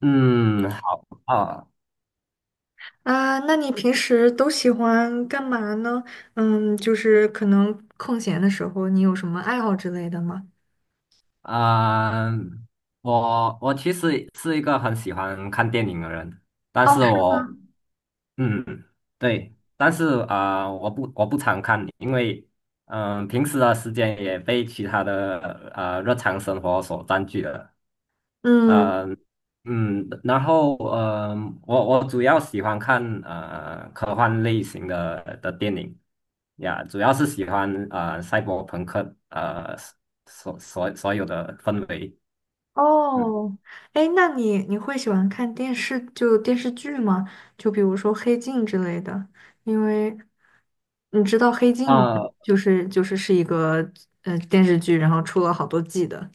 嗯，好啊，那你平时都喜欢干嘛呢？嗯，就是可能空闲的时候，你有什么爱好之类的吗？嗯，我其实是一个很喜欢看电影的人，但是哦，我，嗯，对，但是我不常看，因为，平时的时间也被其他的日常生活所占据了。嗯，呃，然后我主要喜欢看科幻类型的电影呀，主要是喜欢赛博朋克所有的氛围。嗯哦，哎，那你会喜欢看电视，就电视剧吗？就比如说《黑镜》之类的，因为你知道《黑镜》啊就是是一个电视剧，然后出了好多季的。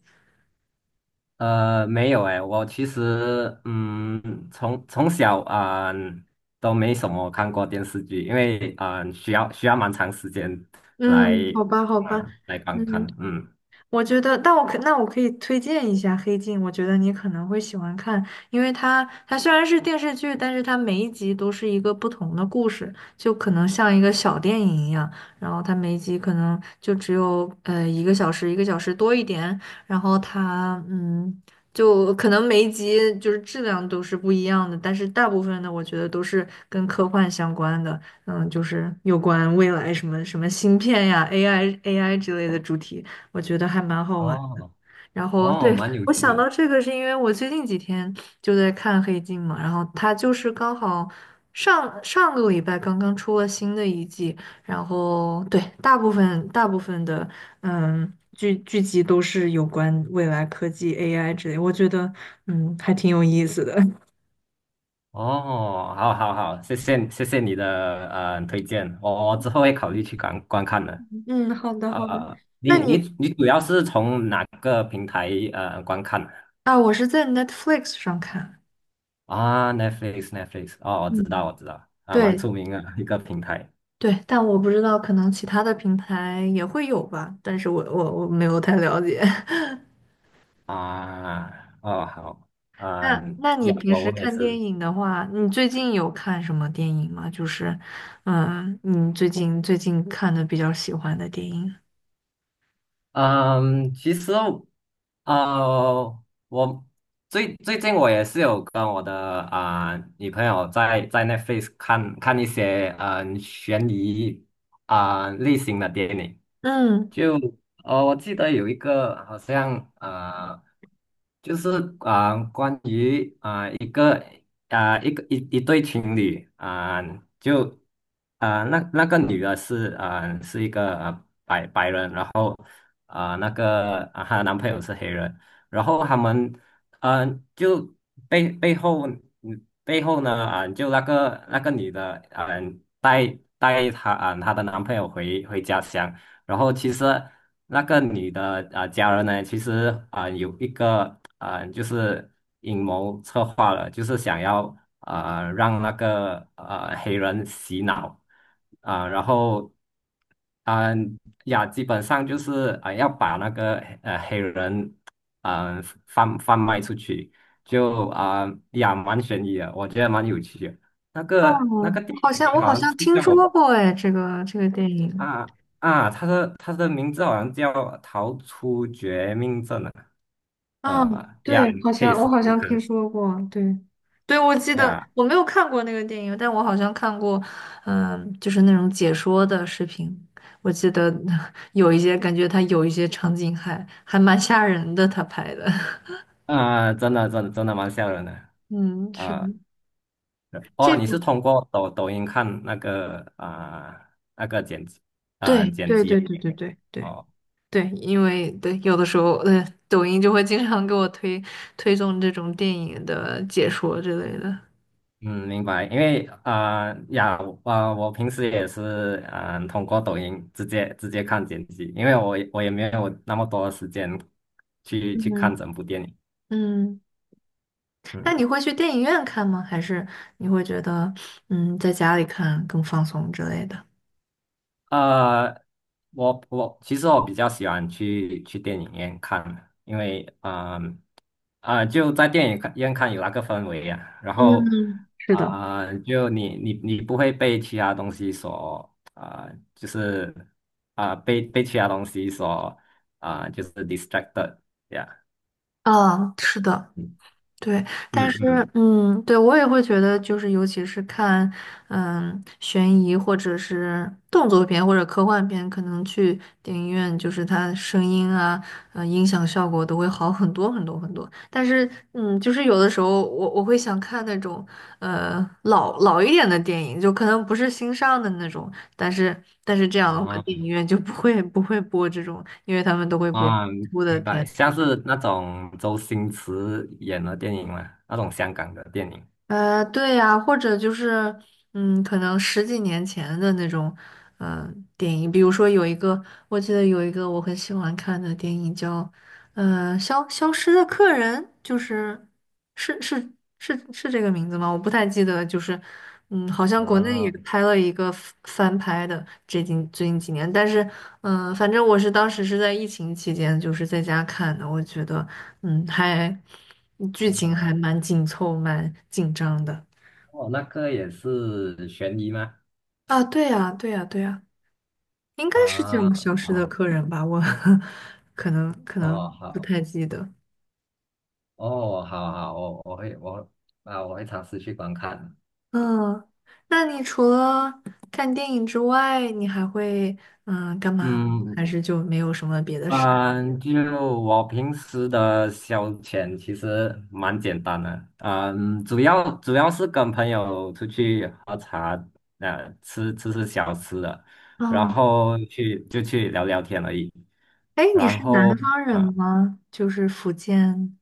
没有诶，我其实从小都没什么看过电视剧，因为需要蛮长时间来嗯，好吧，好吧，来嗯，观看。嗯我觉得，但我可那我可以推荐一下《黑镜》，我觉得你可能会喜欢看，因为它虽然是电视剧，但是它每一集都是一个不同的故事，就可能像一个小电影一样。然后它每一集可能就只有一个小时，一个小时多一点。然后它就可能每一集就是质量都是不一样的，但是大部分的我觉得都是跟科幻相关的，嗯，就是有关未来什么什么芯片呀、AI 之类的主题。我觉得还蛮好玩。哦然后，对，哦，蛮有我趣想的。到这个是因为我最近几天就在看《黑镜》嘛，然后它就是刚好上上个礼拜刚刚出了新的一季，然后对，大部分的剧集都是有关未来科技 AI 之类，我觉得还挺有意思的。哦，好好好，谢谢你的推荐，我之后会考虑去观看的。嗯，好的好的，那你你你你主要是从哪个平台观看的啊，我是在 Netflix 上看。啊？Netflix 哦，我知道嗯，我知道，啊，蛮对，出名的一个平台对，但我不知道，可能其他的平台也会有吧，但是我没有太了解。啊。哦，好，那那你呀，平我时我也看电是。影的话，你最近有看什么电影吗？就是，嗯，你最近看的比较喜欢的电影？嗯，其实，我最近我也是有跟我的女朋友在那 f a c e 看看一些悬疑类型的电影。嗯，就我记得有一个好像就是关于一个一对情侣就那个女的是是一个啊，白人，然后那个她的男朋友是黑人，然后他们就背后呢就那个女的带她她的男朋友回家乡，然后其实那个女的家人呢，其实有一个就是阴谋策划了，就是想要让那个黑人洗脑然后啊、呀，基本上就是要把那个黑人贩卖出去，就呀蛮悬疑的，我觉得蛮有趣的。那哦，个那个电我好影像名我好好像像是听叫。说过哎，这个电影。啊啊，他的名字好像叫逃出绝命镇啊，啊，啊呀，对，你好可以像我试好试像听看说过，对，对，我记得呀。我没有看过那个电影，但我好像看过，就是那种解说的视频，我记得 有一些感觉他有一些场景还蛮吓人的，他拍的，啊，真的真的真的蛮吓人的 嗯，是啊。的，这哦，你是种，通过抖音看那个剪辑啊对，剪对，辑的对，对，片？对，对，对，哦，对，因为对，有的时候，嗯，抖音就会经常给我推送这种电影的解说之类的，嗯，明白，因为呀，我我平时也是通过抖音直接看剪辑，因为我也没有那么多时间去看嗯整部电影。嗯。那你嗯。会去电影院看吗？还是你会觉得，嗯，在家里看更放松之类的？呃，我其实比较喜欢去电影院看，因为就在电影院看有那个氛围呀、然后嗯，是的。就你不会被其他东西所就是被其他东西所就是 distracted 呀。啊，是的。嗯对，但嗯是，嗯。嗯，对，我也会觉得，就是尤其是看，嗯，悬疑或者是动作片或者科幻片，可能去电影院，就是它声音啊，呃，音响效果都会好很多很多很多。但是，嗯，就是有的时候我会想看那种，呃，老一点的电影，就可能不是新上的那种，但是这样的话，电哦影院就不会播这种，因为他们都会播新啊、出的明白，片。像是那种周星驰演的电影嘛，那种香港的电影。呃，对呀，或者就是，嗯，可能十几年前的那种，呃，电影，比如说有一个，我记得有一个我很喜欢看的电影叫呃，消失的客人，就是是是是这个名字吗？我不太记得，就是嗯，好像国内也啊，拍了一个翻拍的，最近几年，但是反正我是当时是在疫情期间，就是在家看的，我觉得嗯，剧情还啊蛮紧凑，蛮紧张的。哦，那个也是悬疑吗？啊，对呀，对呀，对呀，应该是叫啊，《消失的啊，客人》吧？我 可能可哦，能不好，太记得。哦，好好，我会尝试去观看。嗯，那你除了看电影之外，你还会干嘛呢？还嗯是就没有什么别的事情？嗯，就我平时的消遣其实蛮简单的，嗯，主要是跟朋友出去喝茶，吃小吃的，然哦，后去就去聊聊天而已。哎，你然是南后，方人呃吗？就是福建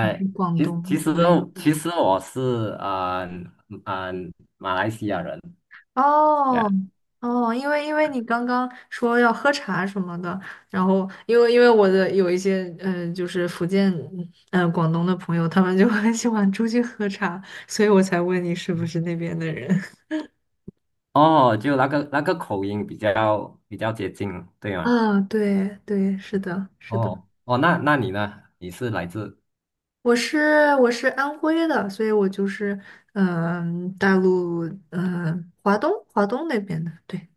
还是广其实东其之实类的？其实我是马来西亚人哦呀。哦，因为你刚刚说要喝茶什么的，然后因为我的有一些就是福建广东的朋友，他们就很喜欢出去喝茶，所以我才问你是不是那边的人。哦，就那个口音比较接近，对吗？啊，对对，是的，是的。哦哦，那你呢？你是来自我是安徽的，所以我就是大陆华东那边的，对。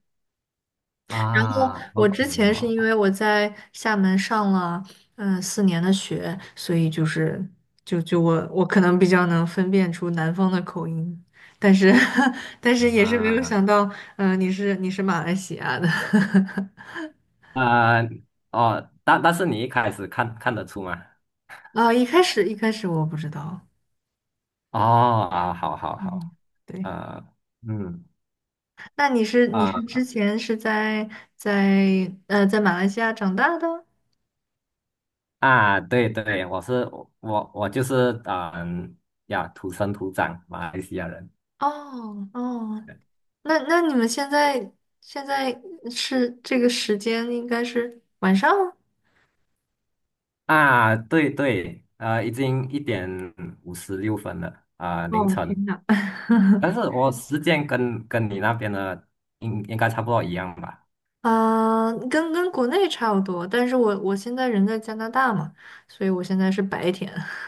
然后啊我之？OK,前是因为好。我在厦门上了4年的学，所以就是就我可能比较能分辨出南方的口音，但是 但是也是没有啊想到，你是马来西亚的。 啊哦，但是你一开始看得出吗？一开始我不知道，哦啊，好好嗯，好，对。呃嗯那你是啊之前是在马来西亚长大的？对对，我就是呀，土生土长马来西亚人。哦哦，那你们现在现在是，这个时间应该是晚上吗？啊，对对，已经1:56了啊，凌哦，天晨。呐，但是 我时间跟你那边的应该差不多一样吧？跟国内差不多，但是我现在人在加拿大嘛，所以我现在是白天。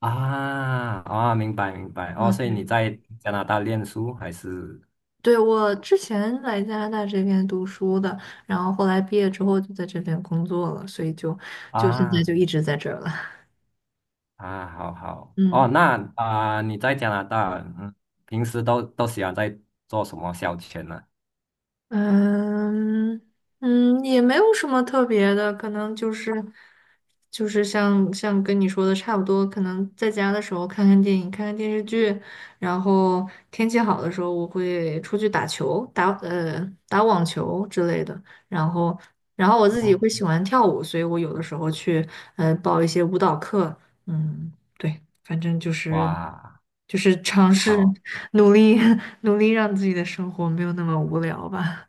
啊啊，明白明白。哦，啊，所以你对。在加拿大念书还是？对，我之前来加拿大这边读书的，然后后来毕业之后就在这边工作了，所以就现在啊就一直在这儿了。啊？好 好哦，嗯。那啊，你在加拿大，嗯，平时都喜欢在做什么消遣呢？嗯嗯，也没有什么特别的，可能就是像跟你说的差不多，可能在家的时候看看电影、看看电视剧，然后天气好的时候我会出去打球、打网球之类的，然后我自己会哦喜欢跳舞，所以我有的时候去呃报一些舞蹈课，嗯，对，反正就是哇，就是尝试好。努力 努力让自己的生活没有那么无聊吧。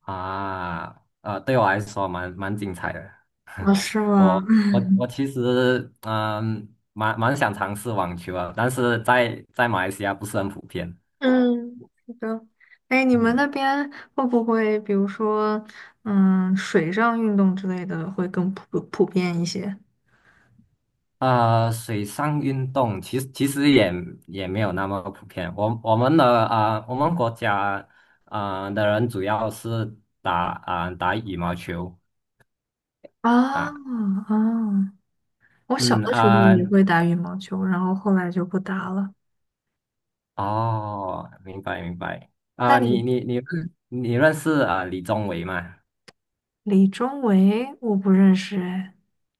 啊，对我来说蛮蛮精彩的。哦，是吗？我 我我其实蛮蛮想尝试网球啊，但是在马来西亚不是很普遍。嗯，是的。哎，你们嗯，那边会不会，比如说，嗯，水上运动之类的会更普遍一些？啊，水上运动其实也没有那么普遍。我们的国家的人主要是打羽毛球啊啊。啊！我小嗯的时候啊、呃也会打羽毛球，然后后来就不打了。哦，明白明白。那啊、你你你你你认识李宗伟吗？李宗伟我不认识哎。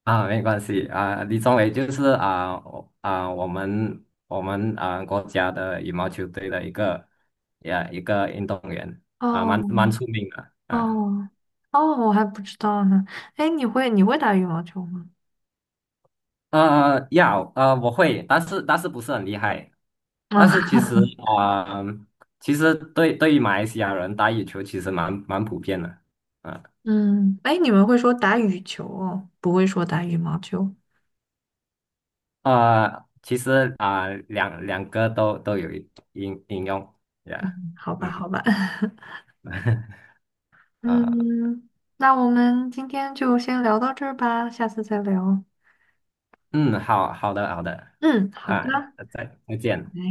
啊，没关系啊，李宗伟就是我们啊国家的羽毛球队的一个运动员，哦蛮蛮出名的啊。哦哦，我还不知道呢。哎，你会打羽毛球吗？我会，但是不是很厉害。啊，但是啊、嗯其实对于马来西亚人打羽球其实蛮蛮普遍的啊。嗯，哎，你们会说打羽球哦，不会说打羽毛球。其实两个都有应用呀。好吧，嗯。好吧，啊。嗯，那我们今天就先聊到这儿吧，下次再聊。嗯，好好的好的，嗯，好的，啊，再见。拜。